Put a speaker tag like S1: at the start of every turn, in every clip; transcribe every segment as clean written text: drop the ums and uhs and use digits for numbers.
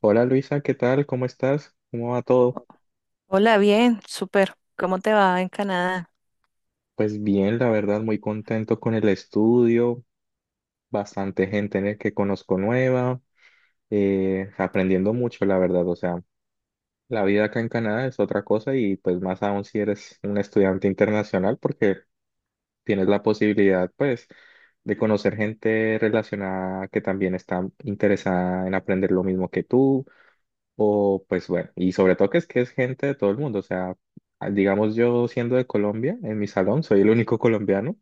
S1: Hola Luisa, ¿qué tal? ¿Cómo estás? ¿Cómo va todo?
S2: Hola, bien, súper. ¿Cómo te va en Canadá?
S1: Pues bien, la verdad, muy contento con el estudio, bastante gente en el que conozco nueva, aprendiendo mucho, la verdad. O sea, la vida acá en Canadá es otra cosa y pues más aún si eres un estudiante internacional porque tienes la posibilidad pues de conocer gente relacionada que también está interesada en aprender lo mismo que tú. O pues bueno, y sobre todo que es gente de todo el mundo, o sea, digamos yo siendo de Colombia, en mi salón soy el único colombiano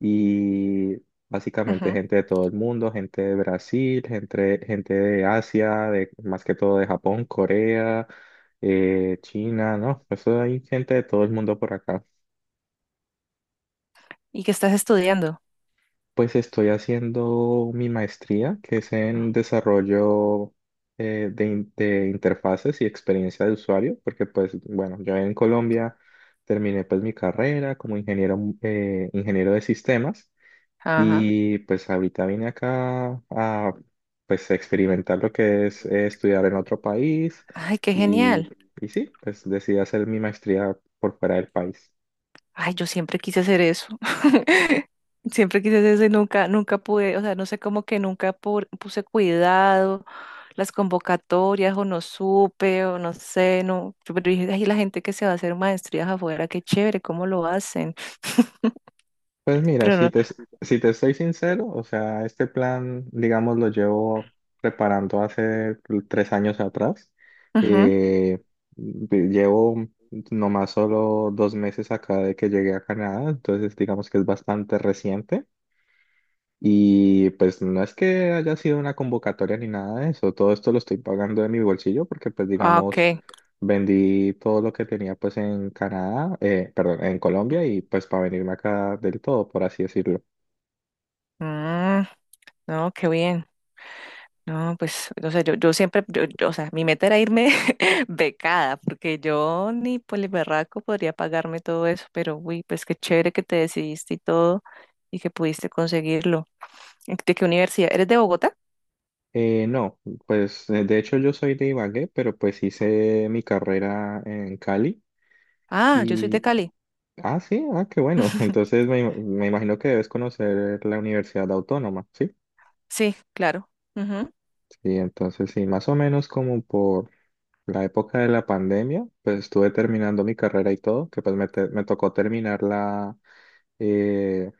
S1: y básicamente
S2: Ujú.
S1: gente de todo el mundo, gente de Brasil, gente de Asia, más que todo de Japón, Corea, China, ¿no? Eso hay gente de todo el mundo por acá.
S2: ¿Y qué estás estudiando?
S1: Pues estoy haciendo mi maestría, que es en desarrollo de interfaces y experiencia de usuario, porque pues bueno, yo en Colombia terminé pues mi carrera como ingeniero, ingeniero de sistemas
S2: Ajá.
S1: y pues ahorita vine acá a pues experimentar lo que es estudiar en otro país
S2: Ay, qué
S1: y,
S2: genial.
S1: y sí, pues decidí hacer mi maestría por fuera del país.
S2: Ay, yo siempre quise hacer eso. Siempre quise hacer eso y nunca, nunca pude, o sea, no sé cómo que nunca pu- puse cuidado, las convocatorias o no supe o no sé, no. Yo pero dije, ay, la gente que se va a hacer maestrías afuera, qué chévere, cómo lo hacen.
S1: Pues mira,
S2: Pero no.
S1: si te soy sincero, o sea, este plan, digamos, lo llevo preparando hace tres años atrás.
S2: Ujú.
S1: Eh, llevo nomás solo dos meses acá de que llegué a Canadá, entonces digamos que es bastante reciente. Y pues no es que haya sido una convocatoria ni nada de eso, todo esto lo estoy pagando de mi bolsillo porque pues
S2: Ah, ok.
S1: digamos, vendí todo lo que tenía pues en Canadá, perdón, en Colombia y pues para venirme acá del todo, por así decirlo.
S2: Mm, no, qué bien. No, pues, o sea, yo siempre, yo, o sea, mi meta era irme becada, porque yo ni poliberraco podría pagarme todo eso, pero uy, pues qué chévere que te decidiste y todo y que pudiste conseguirlo. ¿De qué universidad? ¿Eres de Bogotá?
S1: No, pues de hecho yo soy de Ibagué, pero pues hice mi carrera en Cali
S2: Ah, yo soy de
S1: y...
S2: Cali.
S1: Ah, sí, ah, qué bueno. Entonces me imagino que debes conocer la Universidad Autónoma, ¿sí?
S2: Sí, claro. Ujú.
S1: Sí, entonces sí, más o menos como por la época de la pandemia, pues estuve terminando mi carrera y todo, que pues me tocó terminarla eh,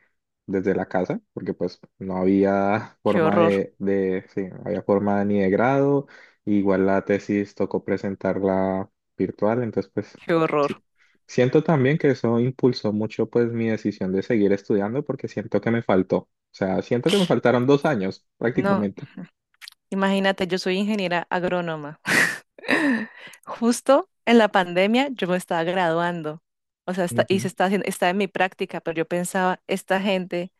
S1: desde la casa, porque pues no había
S2: Qué
S1: forma
S2: horror,
S1: sí, no había forma ni de grado, igual la tesis tocó presentarla virtual, entonces pues
S2: qué horror.
S1: sí. Siento también que eso impulsó mucho pues mi decisión de seguir estudiando porque siento que me faltó, o sea, siento que me faltaron dos años
S2: No,
S1: prácticamente.
S2: imagínate, yo soy ingeniera agrónoma. Justo en la pandemia yo me estaba graduando, o sea, y se
S1: Ujú.
S2: está haciendo, está en mi práctica, pero yo pensaba, esta gente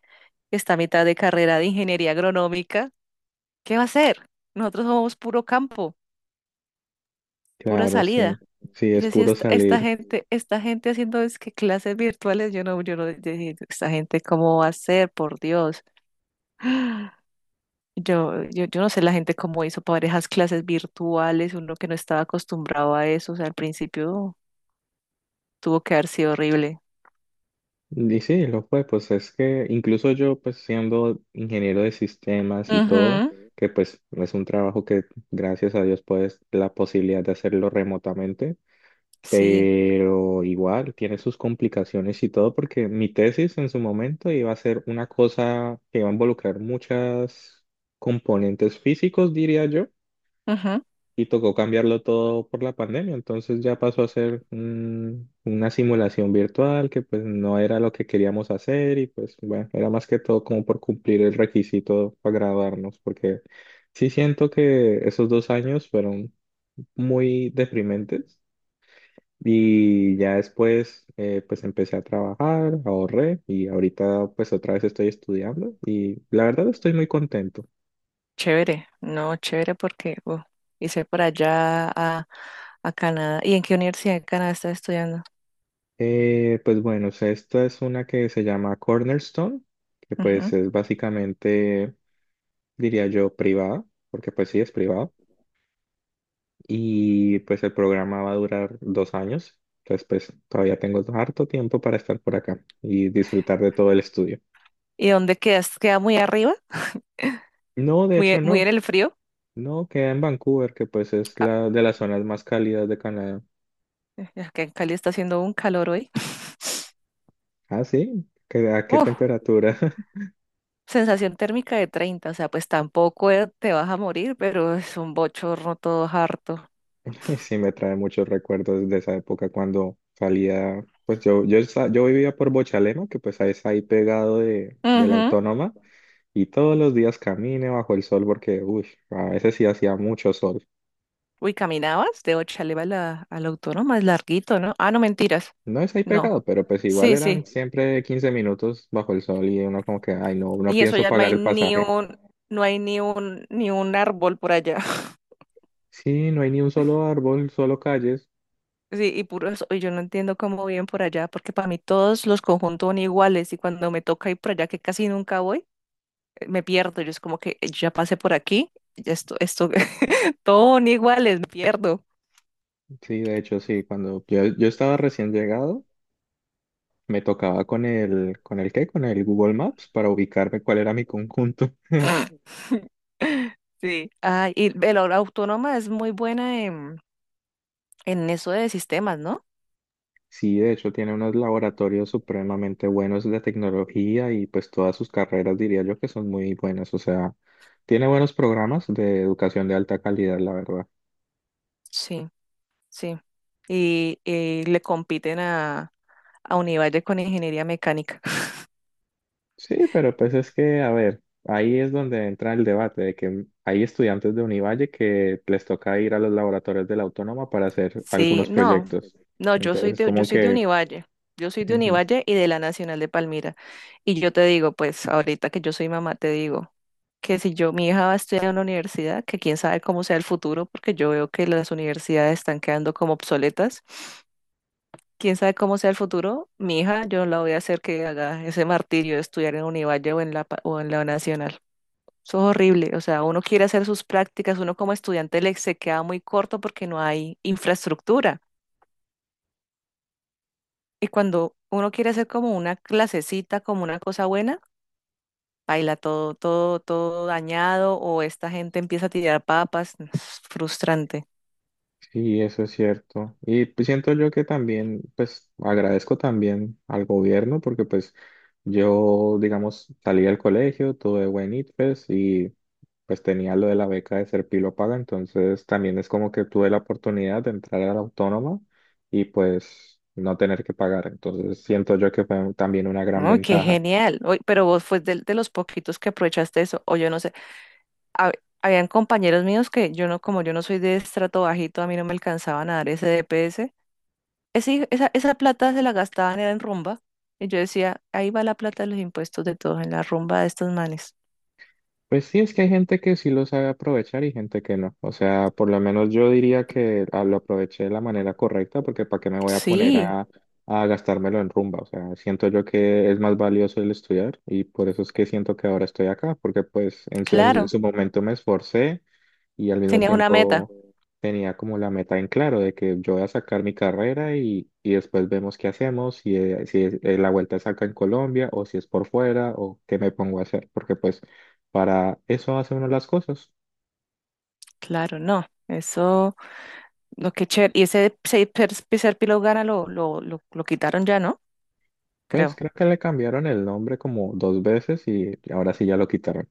S2: está a mitad de carrera de ingeniería agronómica, ¿qué va a hacer? Nosotros somos puro campo, pura
S1: Claro, sí,
S2: salida.
S1: sí,
S2: Y
S1: es
S2: yo decía,
S1: puro
S2: esta
S1: salir.
S2: gente, esta gente haciendo es que clases virtuales, yo no, yo dije, esta gente cómo va a ser, por Dios. Yo no sé la gente cómo hizo para esas clases virtuales, uno que no estaba acostumbrado a eso, o sea, al principio tuvo que haber sido horrible.
S1: Y sí, lo fue, pues es que incluso yo, pues siendo ingeniero de sistemas y todo,
S2: Ujú.
S1: que pues es un trabajo que gracias a Dios pues la posibilidad de hacerlo remotamente,
S2: Sí,
S1: pero igual tiene sus complicaciones y todo porque mi tesis en su momento iba a ser una cosa que iba a involucrar muchas componentes físicos, diría yo,
S2: ujú.
S1: y tocó cambiarlo todo por la pandemia, entonces ya pasó a ser una simulación virtual que pues no era lo que queríamos hacer y pues bueno, era más que todo como por cumplir el requisito para graduarnos, porque sí siento que esos dos años fueron muy deprimentes y ya después pues empecé a trabajar, ahorré y ahorita pues otra vez estoy estudiando y la verdad estoy muy contento.
S2: Chévere, no, chévere porque hice por allá a Canadá. ¿Y en qué universidad de Canadá estás estudiando?
S1: Pues bueno, o sea, esta es una que se llama Cornerstone, que pues es básicamente, diría yo, privada, porque pues sí es privado. Y pues el programa va a durar dos años, entonces pues todavía tengo harto tiempo para estar por acá y disfrutar de todo el estudio.
S2: ¿Y dónde quedas? ¿Queda muy arriba?
S1: No, de hecho
S2: Muy en
S1: no,
S2: el frío?
S1: no, queda en Vancouver, que pues es
S2: Ah,
S1: la de las zonas más cálidas de Canadá.
S2: es que en Cali está haciendo un calor hoy.
S1: Ah, sí, ¿qué- ¿a qué
S2: Uf,
S1: temperatura?
S2: sensación térmica de 30, o sea, pues tampoco te vas a morir, pero es un bochorno todo harto.
S1: Y sí me trae muchos recuerdos de esa época cuando salía, pues yo vivía por Bochalema, que pues ahí es ahí pegado de la
S2: Ujú.
S1: Autónoma, y todos los días camine bajo el sol porque, uy, a veces sí hacía mucho sol.
S2: Uy, caminabas de Ochaleva a a la Autónoma, es larguito, ¿no? Ah, no, mentiras.
S1: No es ahí
S2: No.
S1: pegado, pero pues igual
S2: Sí,
S1: eran
S2: sí.
S1: siempre 15 minutos bajo el sol y uno como que, ay no, no
S2: Y eso
S1: pienso
S2: ya
S1: pagar el pasaje.
S2: no hay ni un árbol por allá.
S1: Sí, no hay ni un solo árbol, solo calles.
S2: Sí, y puro eso. Y yo no entiendo cómo viven por allá, porque para mí todos los conjuntos son iguales y cuando me toca ir por allá, que casi nunca voy, me pierdo. Yo es como que ya pasé por aquí, ya esto, todo son iguales, me pierdo.
S1: Sí, de hecho sí, cuando yo estaba recién llegado. Me tocaba ¿con el qué? Con el Google Maps para ubicarme cuál era mi conjunto.
S2: Sí. Ah, la Autónoma es muy buena en eso de sistemas, ¿no?
S1: Sí, de hecho tiene unos laboratorios supremamente buenos de tecnología y pues todas sus carreras diría yo que son muy buenas. O sea, tiene buenos programas de educación de alta calidad, la verdad.
S2: Sí, sí. Y le compiten a Univalle con ingeniería mecánica.
S1: Sí, pero pues es que, a ver, ahí es donde entra el debate de que hay estudiantes de Univalle que les toca ir a los laboratorios de la Autónoma para hacer
S2: Sí,
S1: algunos
S2: no,
S1: proyectos.
S2: no,
S1: Entonces,
S2: yo
S1: como
S2: soy de
S1: que...
S2: Univalle. Yo soy de
S1: ujú.
S2: Univalle y de la Nacional de Palmira. Y yo te digo, pues ahorita que yo soy mamá, te digo, que si yo, mi hija va a estudiar en una universidad, que quién sabe cómo sea el futuro, porque yo veo que las universidades están quedando como obsoletas. Quién sabe cómo sea el futuro, mi hija, yo la voy a hacer que haga ese martirio de estudiar en Univalle o en o en la Nacional. Eso es horrible. O sea, uno quiere hacer sus prácticas, uno como estudiante le se queda muy corto porque no hay infraestructura. Y cuando uno quiere hacer como una clasecita, como una cosa buena, baila todo dañado, o esta gente empieza a tirar papas. No, es frustrante.
S1: Sí, eso es cierto. Y pues siento yo que también, pues agradezco también al gobierno porque pues yo, digamos, salí del colegio, tuve buen ITFES y pues tenía lo de la beca de ser pilo paga, entonces también es como que tuve la oportunidad de entrar a la Autónoma y pues no tener que pagar. Entonces siento yo que fue también una gran
S2: Oh, qué
S1: ventaja.
S2: genial. Oy, pero vos fue de los poquitos que aprovechaste eso, o yo no sé. Hab- habían compañeros míos que yo no, como yo no soy de estrato bajito, a mí no me alcanzaban a dar ese DPS. Esa, esa plata se la gastaban era en rumba. Y yo decía, ahí va la plata de los impuestos de todos, en la rumba de estos manes.
S1: Pues sí, es que hay gente que sí lo sabe aprovechar y gente que no. O sea, por lo menos yo diría que ah, lo aproveché de la manera correcta porque ¿para qué me voy a poner
S2: Sí,
S1: a gastármelo en rumba? O sea, siento yo que es más valioso el estudiar y por eso es que siento que ahora estoy acá, porque pues en
S2: claro.
S1: su momento me esforcé y al mismo
S2: Tenías una meta.
S1: tiempo tenía como la meta en claro de que yo voy a sacar mi carrera y después vemos qué hacemos, si, la vuelta es acá en Colombia o si es por fuera o qué me pongo a hacer, porque pues para eso hace uno las cosas.
S2: Claro, no. Eso, lo que chévere. Y ese Ser Píleo Gana lo quitaron ya, ¿no?
S1: Pues
S2: Creo.
S1: creo que le cambiaron el nombre como dos veces y ahora sí ya lo quitaron.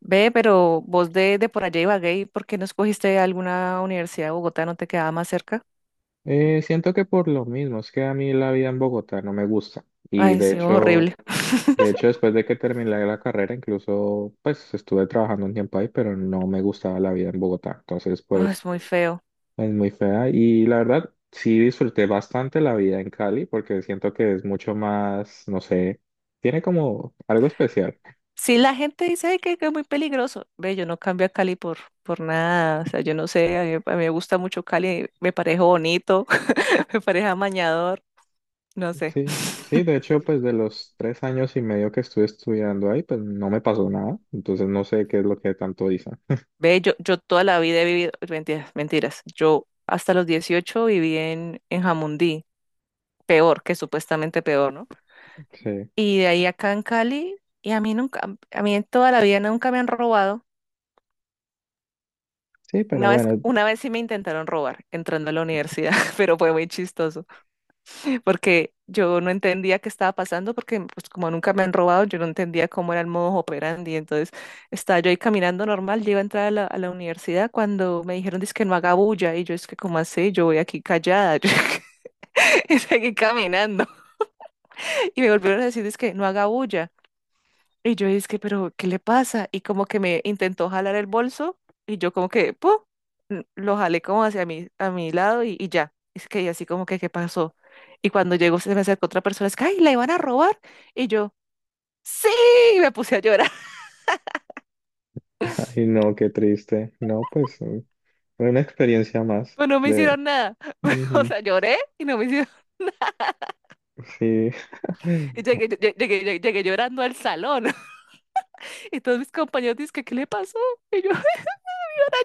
S2: Ve, pero vos de por allá Ibagué, ¿por qué no escogiste alguna universidad de Bogotá? ¿No te quedaba más cerca?
S1: Siento que por lo mismo, es que a mí la vida en Bogotá no me gusta y
S2: Ay,
S1: de
S2: sí,
S1: hecho.
S2: horrible.
S1: De hecho, después de que terminé la carrera, incluso pues estuve trabajando un tiempo ahí, pero no me gustaba la vida en Bogotá. Entonces,
S2: Ay,
S1: pues
S2: es muy feo.
S1: es muy fea. Y la verdad, sí disfruté bastante la vida en Cali porque siento que es mucho más, no sé, tiene como algo especial.
S2: Sí, la gente dice: "Ay, que es muy peligroso". Ve, yo no cambio a Cali por nada. O sea, yo no sé, a mí me gusta mucho Cali, me parece bonito, me parece amañador, no sé.
S1: Sí, sí, de hecho, pues de los tres años y medio que estuve estudiando ahí, pues no me pasó nada. Entonces, no sé qué es lo que tanto dicen.
S2: Ve, yo toda la vida he vivido, mentiras, mentiras. Yo hasta los 18 viví en Jamundí, peor, que supuestamente peor, ¿no?
S1: Sí,
S2: Y de ahí acá en Cali, y a mí nunca, a mí en toda la vida nunca me han robado.
S1: sí, pero bueno,
S2: Una vez sí me intentaron robar entrando a la universidad, pero fue muy chistoso porque yo no entendía qué estaba pasando porque pues como nunca me han robado, yo no entendía cómo era el modo operandi. Entonces estaba yo ahí caminando normal, yo iba a entrar a a la universidad cuando me dijeron, dice que no haga bulla y yo es que como así, yo voy aquí callada, yo y seguí caminando y me volvieron a decir, dice que no haga bulla. Y yo dije, pero, ¿qué le pasa? Y como que me intentó jalar el bolso y yo como que, ¡pum! Lo jalé como hacia a mi lado y ya. Es que y así como que, ¿qué pasó? Y cuando llegó se me acercó otra persona, es que, ¡ay, la iban a robar! Y yo, ¡sí! Y me puse a llorar,
S1: ay, no, qué triste. No, pues una experiencia más.
S2: pero no me
S1: De
S2: hicieron nada. O
S1: Ujú,
S2: sea, lloré y no me hicieron...
S1: sí.
S2: Y llegué, lle- llegué, llegué, llegué llorando al salón. Y todos mis compañeros dicen, que, ¿qué le pasó? Y yo, me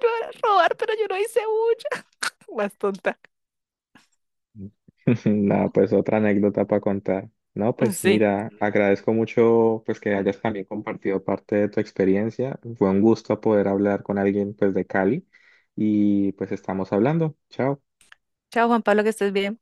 S2: van a robar, pero yo no hice mucho. Más tonta.
S1: Nada, pues otra anécdota para contar. No, pues
S2: Sí.
S1: mira, agradezco mucho pues que hayas también compartido parte de tu experiencia. Fue un gusto poder hablar con alguien pues de Cali y pues estamos hablando. Chao.
S2: Chao, Juan Pablo, que estés bien.